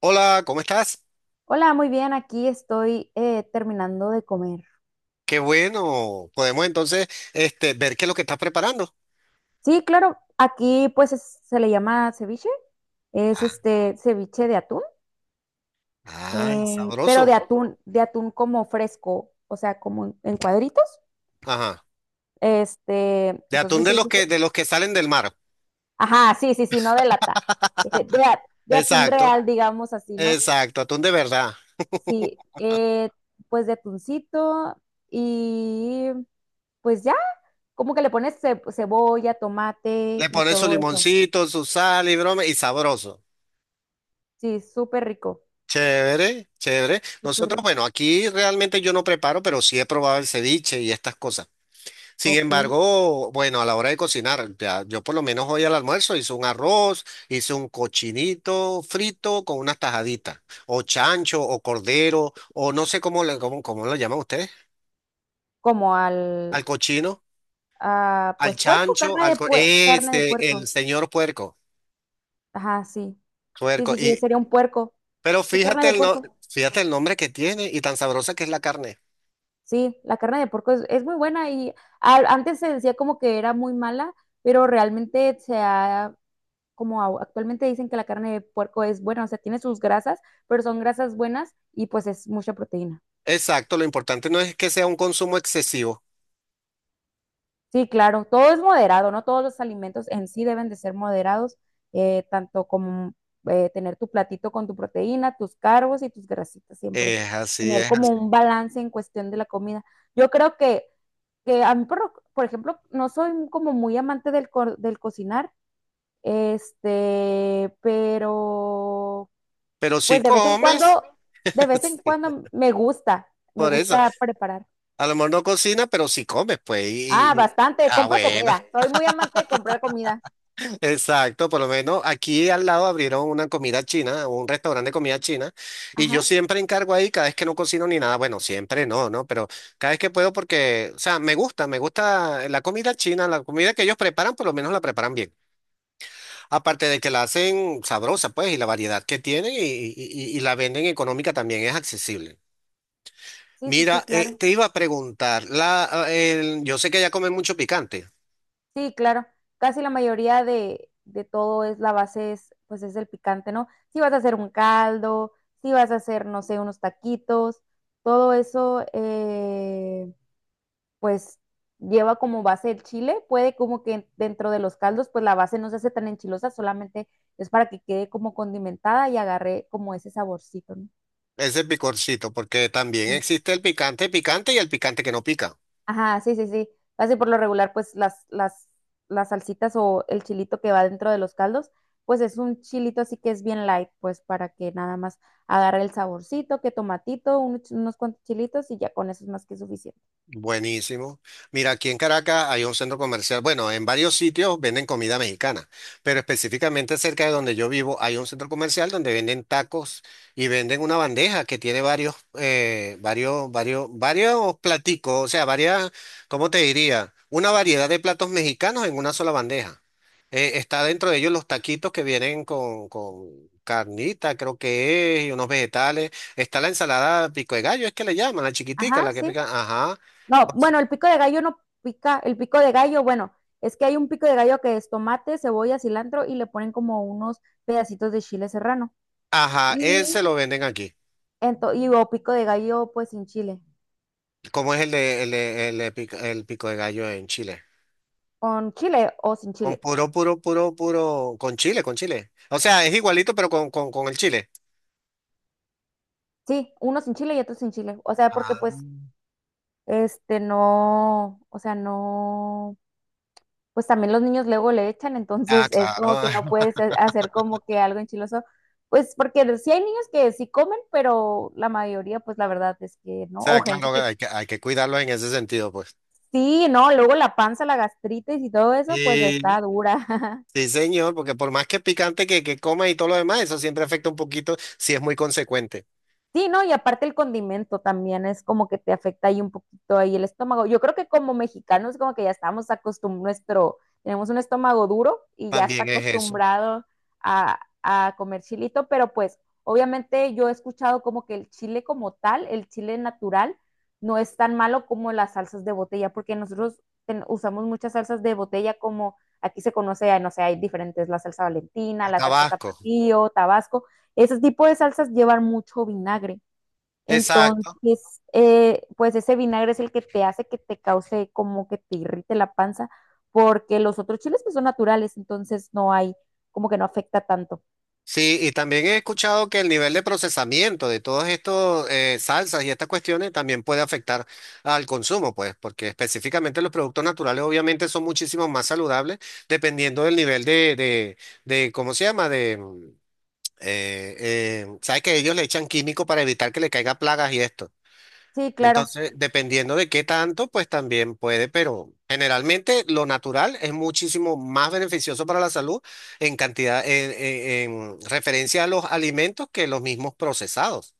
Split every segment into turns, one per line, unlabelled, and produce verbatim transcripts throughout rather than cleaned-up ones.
Hola, ¿cómo estás?
Hola, muy bien, aquí estoy eh, terminando de comer.
Qué bueno. Podemos entonces este, ver qué es lo que estás preparando.
Sí, claro, aquí pues es- se le llama ceviche, es
Ah,
este ceviche de atún,
ay,
eh, pero de
sabroso.
atún, de atún como fresco, o sea, como en, en cuadritos.
Ajá.
Este,
De atún
entonces,
de
es
los que,
este-
de los que salen del mar.
ajá, sí, sí, sí, no de lata, de, de a- de atún
Exacto,
real, digamos así, ¿no?
exacto, atún de verdad.
Sí, eh, pues de atuncito y pues ya, como que le pones ce- cebolla, tomate
Le
y
pones su
todo eso.
limoncito, su sal y broma, y sabroso.
Sí, súper rico.
Chévere, chévere.
Súper,
Nosotros,
rico.
bueno, aquí realmente yo no preparo, pero sí he probado el ceviche y estas cosas. Sin
Ok.
embargo, bueno, a la hora de cocinar, ya, yo por lo menos hoy al almuerzo hice un arroz, hice un cochinito frito con unas tajaditas, o chancho, o cordero, o no sé cómo, le- cómo, cómo lo llaman ustedes,
Como al,
al cochino,
ah,
al
pues puerco,
chancho,
carne
al
de
co-
pue- carne de
este, el
puerco.
señor puerco,
Ajá, sí. Sí,
puerco.
sí, sí,
Y,
sería un puerco.
pero
Sí, carne
fíjate
de
el, no-
puerco.
fíjate el nombre que tiene y tan sabrosa que es la carne.
Sí, la carne de puerco es, es muy buena y a- antes se decía como que era muy mala, pero realmente se ha, como au- actualmente dicen que la carne de puerco es buena, o sea, tiene sus grasas, pero son grasas buenas y pues es mucha proteína.
Exacto, lo importante no es que sea un consumo excesivo.
Sí, claro, todo es moderado, ¿no? Todos los alimentos en sí deben de ser moderados, eh, tanto como eh, tener tu platito con tu proteína, tus carbos y tus grasitas siempre.
Es así,
Tener
es
como
así.
un balance en cuestión de la comida. Yo creo que, que a mí, por, lo- por ejemplo, no soy como muy amante del, co- del cocinar, este, pero
Pero si
pues de vez en cuando,
comes,
de vez en
sí,
cuando me gusta, me
por eso.
gusta preparar.
A lo mejor no cocina, pero sí come, pues.
Ah,
Y, y-
bastante,
ah,
compro
bueno,
comida, soy muy amante de comprar comida.
exacto. Por lo menos aquí al lado abrieron una comida china, un restaurante de comida china, y yo
Ajá,
siempre encargo ahí cada vez que no cocino ni nada. Bueno, siempre no, ¿no? Pero cada vez que puedo porque, o sea, me gusta, me gusta la comida china, la comida que ellos preparan, por lo menos la preparan bien. Aparte de que la hacen sabrosa, pues, y la variedad que tienen y, y- y- y la venden económica, también es accesible.
sí, sí, sí,
Mira, eh,
claro.
te iba a preguntar, la, ah, el- yo sé que ya comen mucho picante.
Sí, claro. Casi la mayoría de, de todo es la base, es, pues es el picante, ¿no? Si vas a hacer un caldo, si vas a hacer, no sé, unos taquitos, todo eso, eh, pues lleva como base el chile. Puede como que dentro de los caldos, pues la base no se hace tan enchilosa, solamente es para que quede como condimentada y agarre como ese saborcito, ¿no?
Ese picorcito, porque también existe el picante picante y el picante que no pica.
Ajá, sí, sí, sí. Casi por lo regular, pues las, las, las salsitas o el chilito que va dentro de los caldos, pues es un chilito así que es bien light, pues para que nada más agarre el saborcito, que tomatito, un- unos cuantos chilitos y ya con eso es más que suficiente.
Buenísimo. Mira, aquí en Caracas hay un centro comercial. Bueno, en varios sitios venden comida mexicana, pero específicamente cerca de donde yo vivo hay un centro comercial donde venden tacos y venden una bandeja que tiene varios, eh, varios, varios, varios platicos, o sea, varias, ¿cómo te diría? Una variedad de platos mexicanos en una sola bandeja. Eh, está dentro de ellos los taquitos que vienen con, con carnita, creo que es, y unos vegetales. Está la ensalada pico de gallo, es que le llaman, la chiquitica,
Ajá,
la que
sí.
pican. Ajá.
No,
Con su...
bueno, el pico de gallo no pica, el pico de gallo, bueno, es que hay un pico de gallo que es tomate, cebolla, cilantro y le ponen como unos pedacitos de chile serrano.
Ajá, ese
Y,
lo venden aquí.
ento- y o pico de gallo pues sin chile,
¿Cómo es el de, el de- el de pico, el pico de gallo en Chile?
con chile o sin
Con
chile.
puro, puro, puro, puro, con chile, con chile. O sea, es igualito, pero con, con, con el chile.
Sí, unos sin chile y otros sin chile. O sea, porque
Ah,
pues, este, no, o sea, no, pues también los niños luego le echan,
ah,
entonces es
claro.
como que no puedes ha- hacer como que algo enchiloso. Pues porque sí hay niños que sí comen, pero la mayoría, pues la verdad es que
O
no. O
sea,
gente
claro,
que
hay que, hay que cuidarlo en ese sentido, pues.
sí, no, luego la panza, la gastritis y todo eso, pues
Sí.
está dura.
Sí, señor, porque por más que picante que, que coma y todo lo demás, eso siempre afecta un poquito si es muy consecuente.
Sí, ¿no? Y aparte el condimento también es como que te afecta ahí un poquito ahí el estómago. Yo creo que como mexicanos como que ya estamos acostumbrados, nuestro, tenemos un estómago duro y ya está
También es eso.
acostumbrado a, a comer chilito, pero pues obviamente yo he escuchado como que el chile como tal, el chile natural, no es tan malo como las salsas de botella, porque nosotros ten- usamos muchas salsas de botella como aquí se conoce, no sé, hay diferentes, la salsa Valentina,
El
la salsa
tabasco.
Tapatío, Tabasco ese tipo de salsas llevan mucho vinagre.
Exacto.
Entonces, eh, pues ese vinagre es el que te hace que te cause como que te irrite la panza, porque los otros chiles pues son naturales, entonces no hay, como que no afecta tanto.
Sí, y también he escuchado que el nivel de procesamiento de todos estos eh, salsas y estas cuestiones también puede afectar al consumo, pues, porque específicamente los productos naturales obviamente son muchísimo más saludables dependiendo del nivel de, de, de ¿cómo se llama? De, mm, eh, eh, ¿sabes que ellos le echan químico para evitar que le caiga plagas y esto?
Sí, claro.
Entonces, dependiendo de qué tanto, pues también puede, pero generalmente lo natural es muchísimo más beneficioso para la salud en cantidad, en, en- en referencia a los alimentos que los mismos procesados.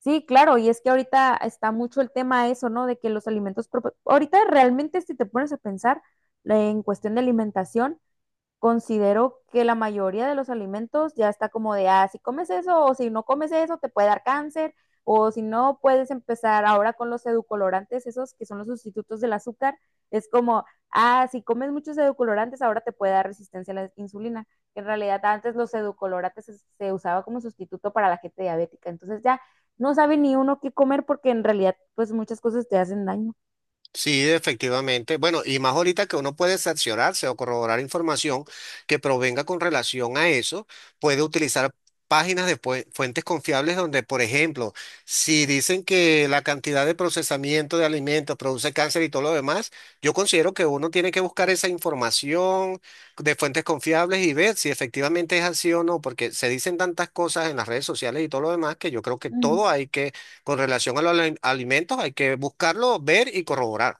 Sí, claro, y es que ahorita está mucho el tema eso, ¿no? De que los alimentos, propo- ahorita realmente si te pones a pensar la- en cuestión de alimentación, considero que la mayoría de los alimentos ya está como de, ah, si comes eso o si no comes eso te puede dar cáncer o si no puedes empezar ahora con los edulcorantes, esos que son los sustitutos del azúcar, es como, ah, si comes muchos edulcorantes ahora te puede dar resistencia a la insulina. En realidad antes los edulcorantes se, se usaba como sustituto para la gente diabética, entonces ya no sabe ni uno qué comer porque en realidad pues muchas cosas te hacen daño.
Sí, efectivamente. Bueno, y más ahorita que uno puede cerciorarse o corroborar información que provenga con relación a eso, puede utilizar páginas de pue- fuentes confiables donde, por ejemplo, si dicen que la cantidad de procesamiento de alimentos produce cáncer y todo lo demás, yo considero que uno tiene que buscar esa información de fuentes confiables y ver si efectivamente es así o no, porque se dicen tantas cosas en las redes sociales y todo lo demás que yo creo que todo hay que, con relación a los ali- alimentos, hay que buscarlo, ver y corroborar.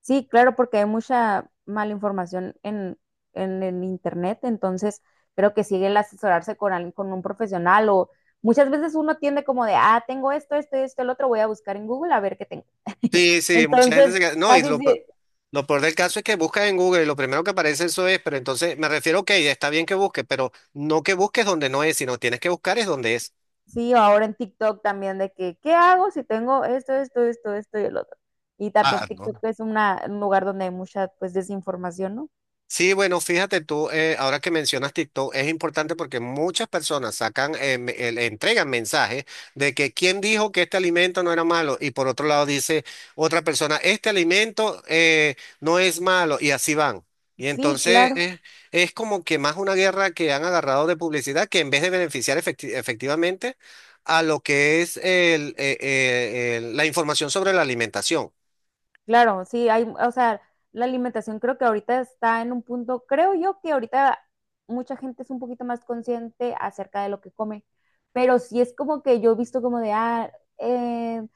Sí, claro, porque hay mucha mala información en, en el internet, entonces creo que sigue el asesorarse con alguien, con un profesional o muchas veces uno tiende como de, ah, tengo esto, esto, esto, el otro, voy a buscar en Google a ver qué tengo.
Sí, sí, mucha gente se
Entonces,
queda. No, y
casi
lo, pe-
sí,
lo peor del caso es que buscas en Google y lo primero que aparece eso es, pero entonces me refiero, ok, está bien que busques, pero no que busques donde no es, sino tienes que buscar es donde es.
sí, o ahora en TikTok también de que, ¿qué hago si tengo esto, esto, esto, esto y el otro? Y también
Ah,
TikTok
¿no?
es una, un lugar donde hay mucha, pues, desinformación, ¿no?
Sí, bueno, fíjate tú, eh, ahora que mencionas TikTok, es importante porque muchas personas sacan, eh, me- eh, le entregan mensajes de que quién dijo que este alimento no era malo y por otro lado dice otra persona, este alimento eh, no es malo y así van. Y
Sí,
entonces
claro.
eh, es como que más una guerra que han agarrado de publicidad que en vez de beneficiar efecti- efectivamente a lo que es el, eh, eh, el- la información sobre la alimentación.
Claro, sí, hay, o sea, la alimentación creo que ahorita está en un punto, creo yo que ahorita mucha gente es un poquito más consciente acerca de lo que come, pero sí es como que yo he visto como de, ah, eh,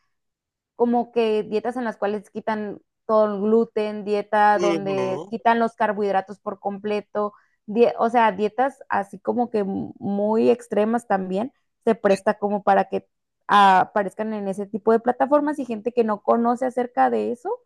como que dietas en las cuales quitan todo el gluten, dieta donde
Ujú.
quitan los carbohidratos por completo, die- o sea, dietas así como que muy extremas también, se
Eh,
presta como para que ah, aparezcan en ese tipo de plataformas y gente que no conoce acerca de eso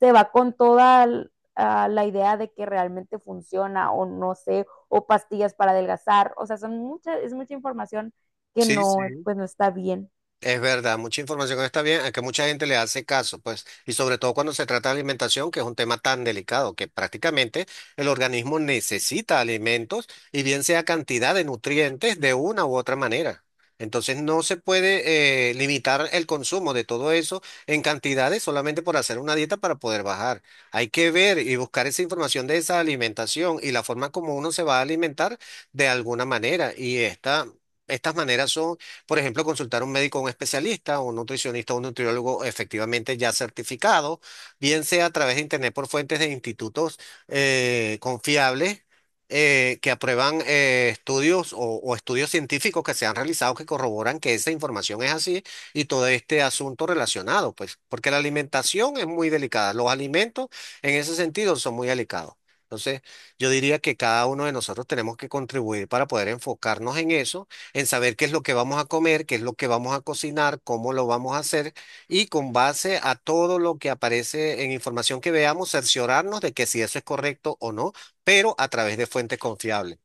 se va con toda l- ah, la idea de que realmente funciona o no sé, o pastillas para adelgazar, o sea, son muchas, es mucha información que
Sí, sí.
no, pues no está bien.
Es verdad, mucha información está bien, a que mucha gente le hace caso, pues, y sobre todo cuando se trata de alimentación, que es un tema tan delicado, que prácticamente el organismo necesita alimentos y bien sea cantidad de nutrientes de una u otra manera. Entonces no se puede eh, limitar el consumo de todo eso en cantidades solamente por hacer una dieta para poder bajar. Hay que ver y buscar esa información de esa alimentación y la forma como uno se va a alimentar de alguna manera. Y esta, estas maneras son, por ejemplo, consultar a un médico, un especialista, un nutricionista, un nutriólogo efectivamente ya certificado, bien sea a través de internet por fuentes de institutos eh, confiables, eh, que aprueban eh, estudios o, o estudios científicos que se han realizado que corroboran que esa información es así y todo este asunto relacionado, pues, porque la alimentación es muy delicada, los alimentos en ese sentido son muy delicados. Entonces, yo diría que cada uno de nosotros tenemos que contribuir para poder enfocarnos en eso, en saber qué es lo que vamos a comer, qué es lo que vamos a cocinar, cómo lo vamos a hacer y con base a todo lo que aparece en información que veamos, cerciorarnos de que si eso es correcto o no, pero a través de fuentes confiables.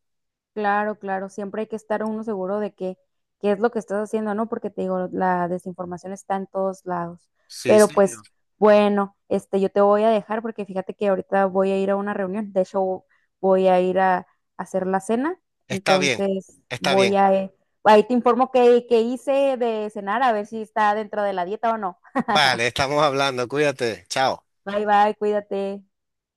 Claro, claro, siempre hay que estar uno seguro de que qué es lo que estás haciendo, ¿no? Porque te digo, la desinformación está en todos lados.
Sí,
Pero Sí.
señor.
pues, bueno, este, yo te voy a dejar porque fíjate que ahorita voy a ir a una reunión. De hecho, voy a ir a, a hacer la cena.
Está bien,
Entonces,
está
voy
bien.
a, eh, ahí te informo qué, qué hice de cenar, a ver si está dentro de la dieta o no.
Vale, estamos hablando, cuídate, chao.
Bye, bye, cuídate.